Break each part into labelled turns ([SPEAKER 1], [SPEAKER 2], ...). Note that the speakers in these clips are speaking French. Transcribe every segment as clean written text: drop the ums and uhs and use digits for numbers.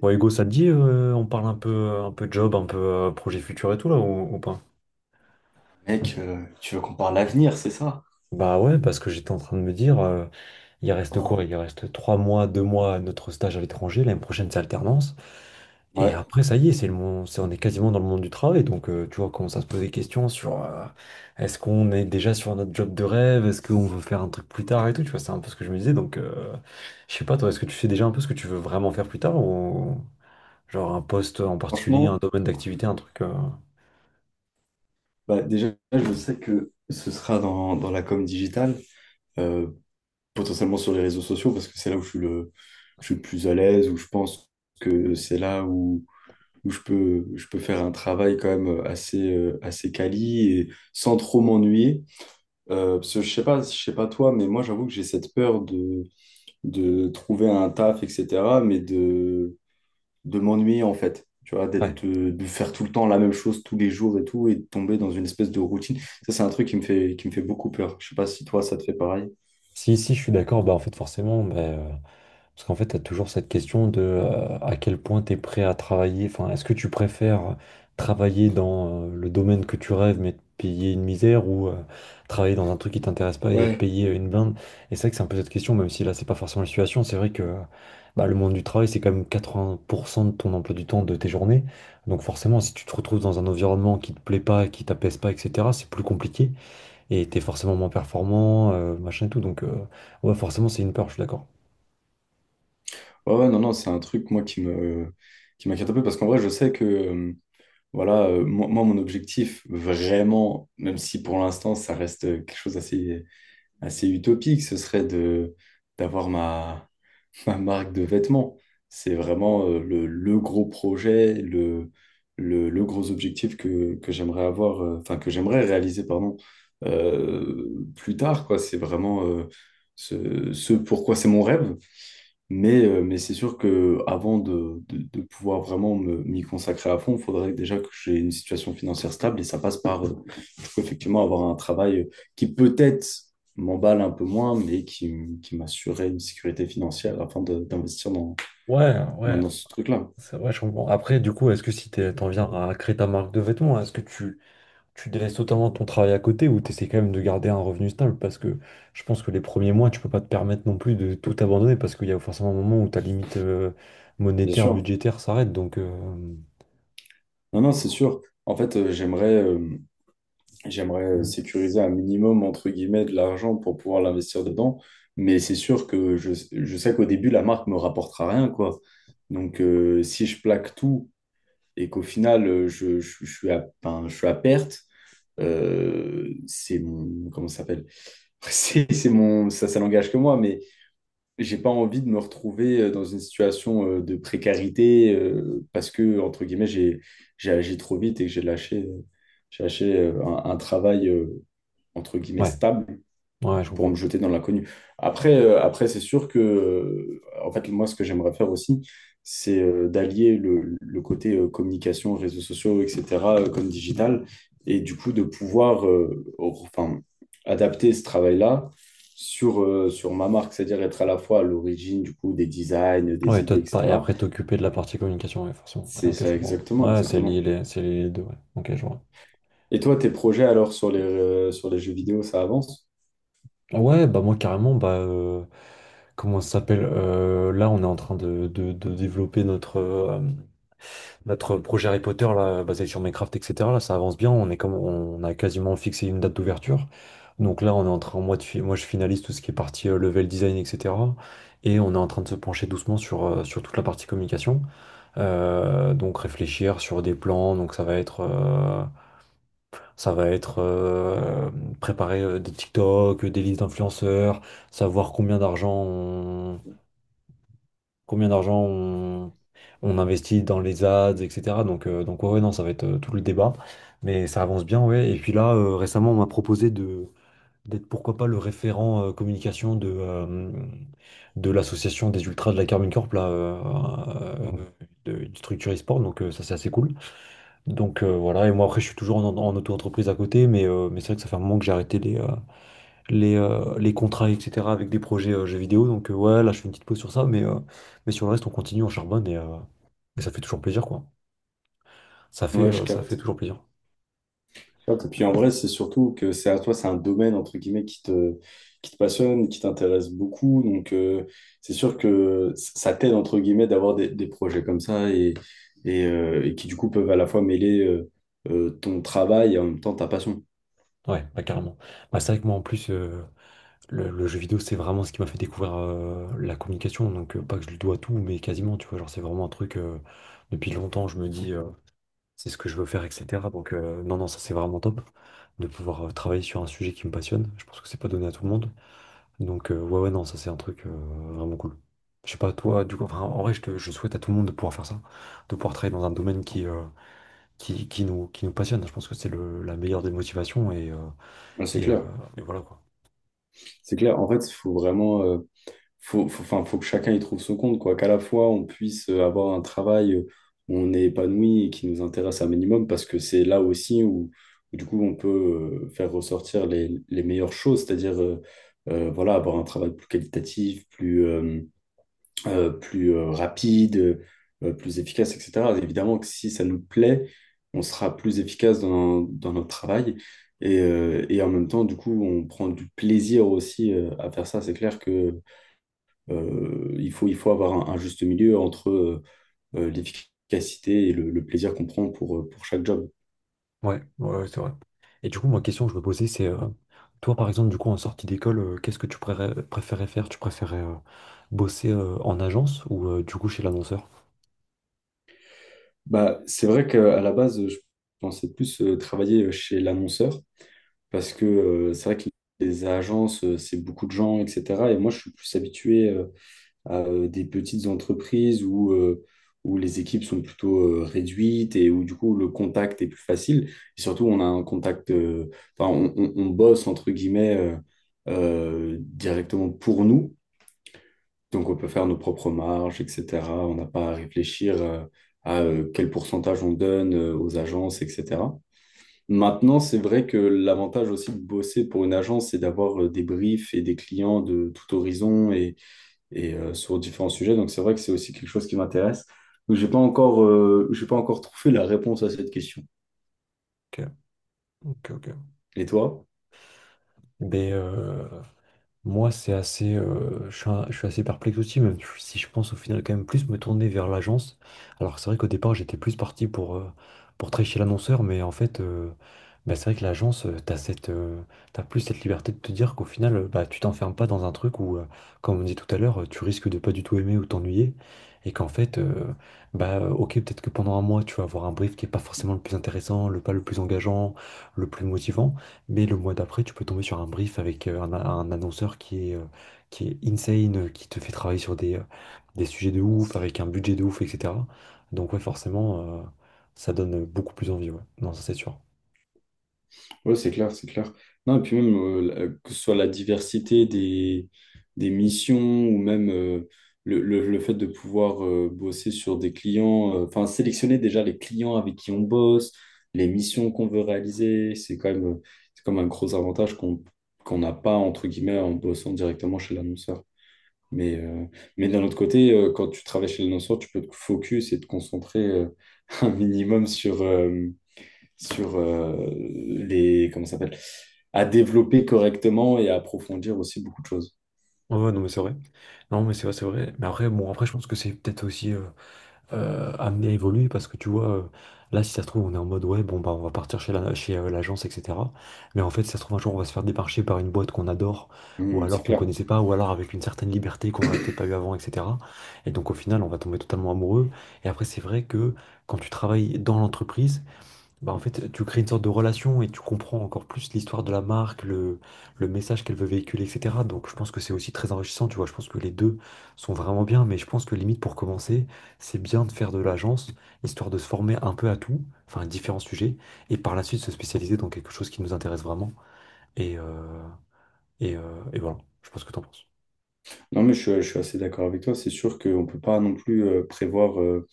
[SPEAKER 1] Bon, Hugo, ça te dit, on parle un peu job, un peu projet futur et tout, là, ou pas?
[SPEAKER 2] Mec, tu veux qu'on parle l'avenir, c'est ça?
[SPEAKER 1] Bah ouais, parce que j'étais en train de me dire, il reste quoi? Il reste trois mois, deux mois à notre stage à l'étranger, l'année prochaine, c'est alternance. Et
[SPEAKER 2] Ouais,
[SPEAKER 1] après, ça y est, c'est le monde, on est quasiment dans le monde du travail, donc tu vois, on commence à se poser des questions sur est-ce qu'on est déjà sur notre job de rêve, est-ce qu'on veut faire un truc plus tard et tout, tu vois, c'est un peu ce que je me disais, donc je sais pas, toi, est-ce que tu sais déjà un peu ce que tu veux vraiment faire plus tard, ou genre un poste en particulier, un
[SPEAKER 2] franchement,
[SPEAKER 1] domaine d'activité, un truc.
[SPEAKER 2] bah déjà, je sais que ce sera dans la com digitale, euh, potentiellement sur les réseaux sociaux, parce que c'est là où je suis le plus à l'aise, où je pense que c'est là où je peux faire un travail quand même assez, assez quali et sans trop m'ennuyer. Parce que je sais pas toi, mais moi, j'avoue que j'ai cette peur de trouver un taf, etc., mais de m'ennuyer en fait. Tu vois,
[SPEAKER 1] Ouais.
[SPEAKER 2] d'être, de faire tout le temps la même chose tous les jours et tout, et de tomber dans une espèce de routine. Ça, c'est un truc qui me fait beaucoup peur. Je sais pas si toi, ça te fait pareil.
[SPEAKER 1] Si, si, je suis d'accord, bah en fait forcément, parce qu'en fait, tu as toujours cette question de à quel point tu es prêt à travailler, enfin, est-ce que tu préfères travailler dans le domaine que tu rêves mais te payer une misère ou travailler dans un truc qui t'intéresse pas et être
[SPEAKER 2] Ouais,
[SPEAKER 1] payé une blinde? Et c'est vrai que c'est un peu cette question, même si là, c'est pas forcément la situation, c'est vrai que bah, le monde du travail, c'est quand même 80% de ton emploi du temps de tes journées. Donc forcément, si tu te retrouves dans un environnement qui te plaît pas, qui t'apaise pas, etc., c'est plus compliqué. Et t'es forcément moins performant, machin et tout. Donc, ouais, forcément, c'est une peur, je suis d'accord.
[SPEAKER 2] ouais, ouais, non, non, c'est un truc, moi, qui m'inquiète un peu parce qu'en vrai, je sais que, voilà, euh, mon objectif, vraiment, même si pour l'instant, ça reste quelque chose d'assez assez utopique, ce serait de d'avoir ma, ma marque de vêtements. C'est vraiment le gros projet, le gros objectif que j'aimerais avoir, enfin que j'aimerais réaliser, pardon, euh, plus tard, quoi. C'est vraiment ce pourquoi c'est mon rêve. Mais c'est sûr que avant de pouvoir vraiment m'y consacrer à fond, il faudrait déjà que j'ai une situation financière stable et ça passe par peux effectivement avoir un travail qui peut-être m'emballe un peu moins, qui m'assurait une sécurité financière afin de- d'investir
[SPEAKER 1] Ouais, ouais,
[SPEAKER 2] dans ce truc-là.
[SPEAKER 1] c'est vrai, je comprends. Après, du coup, est-ce que si t'en viens à créer ta marque de vêtements, est-ce que tu délaisses totalement ton travail à côté ou t'essaies quand même de garder un revenu stable? Parce que je pense que les premiers mois, tu peux pas te permettre non plus de tout abandonner parce qu'il y a forcément un moment où ta limite
[SPEAKER 2] Bien
[SPEAKER 1] monétaire,
[SPEAKER 2] sûr.
[SPEAKER 1] budgétaire s'arrête. Donc,
[SPEAKER 2] Non, non, c'est sûr. En fait, j'aimerais sécuriser un minimum, entre guillemets, de l'argent pour pouvoir l'investir dedans. Mais c'est sûr que je sais qu'au début, la marque me rapportera rien, quoi. Donc, si je plaque tout et qu'au final, je suis à, ben, je suis à perte, c'est mon, comment ça s'appelle? C'est mon, ça n'engage que moi, mais j'ai pas envie de me retrouver dans une situation de précarité parce que, entre guillemets, j'ai agi trop vite et que j'ai lâché un travail, entre guillemets,
[SPEAKER 1] ouais,
[SPEAKER 2] stable
[SPEAKER 1] ouais, je
[SPEAKER 2] pour me
[SPEAKER 1] comprends.
[SPEAKER 2] jeter dans l'inconnu. Après, après c'est sûr que, en fait, moi, ce que j'aimerais faire aussi, c'est d'allier le côté communication, réseaux sociaux, etc., comme digital, et du coup, de pouvoir enfin, adapter ce travail-là sur, sur ma marque, c'est-à-dire être à la fois à l'origine, du coup, des designs,
[SPEAKER 1] Ouais,
[SPEAKER 2] des
[SPEAKER 1] et, toi,
[SPEAKER 2] idées,
[SPEAKER 1] et
[SPEAKER 2] etc.
[SPEAKER 1] après t'occuper de la partie communication, ouais, forcément. Ouais,
[SPEAKER 2] C'est
[SPEAKER 1] ok, je
[SPEAKER 2] ça,
[SPEAKER 1] comprends.
[SPEAKER 2] exactement,
[SPEAKER 1] Ouais, c'est lié,
[SPEAKER 2] exactement.
[SPEAKER 1] c'est lié les deux, ouais. Ok, je vois.
[SPEAKER 2] Et toi, tes projets, alors, sur les jeux vidéo, ça avance?
[SPEAKER 1] Ouais, bah moi carrément, comment ça s'appelle? Là, on est en train de, de développer notre, notre projet Harry Potter là, basé sur Minecraft, etc. Là, ça avance bien, on est comme on a quasiment fixé une date d'ouverture. Donc là, on est en train, moi, de moi je finalise tout ce qui est partie level design, etc. Et on est en train de se pencher doucement sur, sur toute la partie communication. Donc réfléchir sur des plans, donc ça va être, ça va être préparer des TikTok, des listes d'influenceurs, savoir combien d'argent on investit dans les ads, etc. Donc ouais, ouais, non, ça va être tout le débat. Mais ça avance bien, ouais. Et puis là, récemment, on m'a proposé de d'être pourquoi pas le référent communication de l'association des ultras de la Carmine Corp, là, euh, de, du structure e-sport. Donc ça, c'est assez cool. Donc voilà, et moi après je suis toujours en, en auto-entreprise à côté, mais, mais c'est vrai que ça fait un moment que j'ai arrêté les, les contrats, etc. avec des projets jeux vidéo. Donc ouais, là je fais une petite pause sur ça, mais mais sur le reste on continue, on charbonne et et ça fait toujours plaisir quoi. Ça fait,
[SPEAKER 2] Ouais, je
[SPEAKER 1] euh, ça fait
[SPEAKER 2] capte.
[SPEAKER 1] toujours plaisir.
[SPEAKER 2] Tu vois, et puis en vrai, c'est surtout que c'est à toi, c'est un domaine entre guillemets qui te passionne, qui t'intéresse beaucoup. Donc c'est sûr que ça t'aide entre guillemets d'avoir des projets comme ça et, et qui du coup peuvent à la fois mêler ton travail et en même temps ta passion.
[SPEAKER 1] Ouais, bah carrément. Bah, c'est vrai que moi en plus, le jeu vidéo, c'est vraiment ce qui m'a fait découvrir la communication. Donc, pas que je lui dois tout, mais quasiment, tu vois. Genre, c'est vraiment un truc, depuis longtemps, je me dis, c'est ce que je veux faire, etc. Donc, non, non, ça, c'est vraiment top de pouvoir travailler sur un sujet qui me passionne. Je pense que c'est pas donné à tout le monde. Donc, ouais, ouais, non, ça, c'est un truc vraiment cool. Je sais pas, toi, du coup, enfin, en vrai, je souhaite à tout le monde de pouvoir faire ça, de pouvoir travailler dans un domaine qui, qui nous passionne. Je pense que c'est le, la meilleure des motivations
[SPEAKER 2] Ouais, c'est
[SPEAKER 1] et, euh,
[SPEAKER 2] clair,
[SPEAKER 1] et voilà, quoi.
[SPEAKER 2] c'est clair. En fait, il faut vraiment. Faut, enfin, faut que chacun y trouve son compte, quoi. Qu'à la fois, on puisse avoir un travail où on est épanoui et qui nous intéresse un minimum, parce que c'est là aussi où, du coup, on peut faire ressortir les meilleures choses, c'est-à-dire, voilà, avoir un travail plus qualitatif, plus rapide, plus efficace, etc. Évidemment que si ça nous plaît, on sera plus efficace dans notre travail. Et en même temps, du coup, on prend du plaisir aussi à faire ça. C'est clair que il faut avoir un juste milieu entre l'efficacité et le plaisir qu'on prend pour chaque job.
[SPEAKER 1] Ouais, ouais, ouais, c'est vrai. Et du coup, ma question que je me posais, c'est, toi, par exemple, du coup, en sortie d'école, qu'est-ce que préférais faire? Tu préférais bosser en agence ou du coup chez l'annonceur?
[SPEAKER 2] Bah, c'est vrai qu'à la base, je pensais plus travailler chez l'annonceur parce que c'est vrai que les agences, c'est beaucoup de gens, etc. Et moi, je suis plus habitué à des petites entreprises où les équipes sont plutôt réduites et où du coup le contact est plus facile. Et surtout, on a un contact, enfin, on bosse entre guillemets directement pour nous. Donc, on peut faire nos propres marges, etc. On n'a pas à réfléchir à quel pourcentage on donne aux agences, etc. Maintenant, c'est vrai que l'avantage aussi de bosser pour une agence, c'est d'avoir des briefs et des clients de tout horizon sur différents sujets. Donc c'est vrai que c'est aussi quelque chose qui m'intéresse. Donc j'ai pas encore trouvé la réponse à cette question.
[SPEAKER 1] Ok, ok, ok.
[SPEAKER 2] Et toi?
[SPEAKER 1] Ben, euh, Moi, c'est assez, je suis assez perplexe aussi, même si je pense au final quand même plus me tourner vers l'agence. Alors c'est vrai qu'au départ, j'étais plus parti pour travailler chez l'annonceur, mais en fait, bah, c'est vrai que l'agence, t'as plus cette liberté de te dire qu'au final, bah, tu t'enfermes pas dans un truc où, comme on dit tout à l'heure, tu risques de pas du tout aimer ou t'ennuyer, et qu'en fait, bah, ok, peut-être que pendant un mois, tu vas avoir un brief qui est pas forcément le plus intéressant, le pas le plus engageant, le plus motivant. Mais le mois d'après, tu peux tomber sur un brief avec un annonceur qui est insane, qui te fait travailler sur des sujets de ouf, avec un budget de ouf, etc. Donc ouais, forcément, ça donne beaucoup plus envie, ouais. Non, ça c'est sûr.
[SPEAKER 2] Oui, c'est clair, c'est clair. Non, et puis même, que ce soit la diversité des missions ou même le fait de pouvoir bosser sur des clients, enfin, sélectionner déjà les clients avec qui on bosse, les missions qu'on veut réaliser, c'est quand même un gros avantage qu'on n'a pas, entre guillemets, en bossant directement chez l'annonceur. Mais, euh, mais d'un autre côté, quand tu travailles chez le l'annonceur, tu peux te focus et te concentrer un minimum sur, les... Comment ça s'appelle? À développer correctement et à approfondir aussi beaucoup de choses.
[SPEAKER 1] Ouais, ouais, non, mais c'est vrai. Non, mais c'est vrai, c'est vrai. Mais après, bon, après, je pense que c'est peut-être aussi amené à évoluer parce que tu vois, là, si ça se trouve, on est en mode ouais, bon, bah, on va partir chez la, chez l'agence, etc. Mais en fait, si ça se trouve, un jour, on va se faire démarcher par une boîte qu'on adore ou
[SPEAKER 2] Hmm, c'est
[SPEAKER 1] alors qu'on
[SPEAKER 2] clair.
[SPEAKER 1] connaissait pas ou alors avec une certaine liberté qu'on n'aurait peut-être pas eu avant, etc. Et donc, au final, on va tomber totalement amoureux. Et après, c'est vrai que quand tu travailles dans l'entreprise, bah, en fait, tu crées une sorte de relation et tu comprends encore plus l'histoire de la marque, le message qu'elle veut véhiculer, etc. Donc, je pense que c'est aussi très enrichissant, tu vois. Je pense que les deux sont vraiment bien, mais je pense que limite pour commencer, c'est bien de faire de l'agence, histoire de se former un peu à tout, enfin, à différents sujets, et par la suite se spécialiser dans quelque chose qui nous intéresse vraiment. Et, euh, et voilà, je pense que t'en penses.
[SPEAKER 2] Non, mais je suis assez d'accord avec toi. C'est sûr qu'on ne peut pas non plus prévoir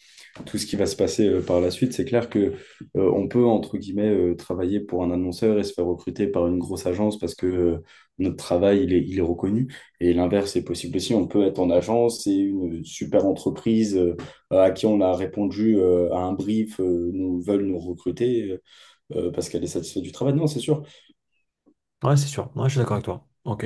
[SPEAKER 2] tout ce qui va se passer par la suite. C'est clair que on peut entre guillemets travailler pour un annonceur et se faire recruter par une grosse agence parce que notre travail il est reconnu. Et l'inverse est possible aussi. On peut être en agence et une super entreprise à qui on a répondu à un brief nous veulent nous recruter parce qu'elle est satisfaite du travail. Non, c'est sûr.
[SPEAKER 1] Ouais, c'est sûr. Ouais, je suis d'accord avec toi. Ok.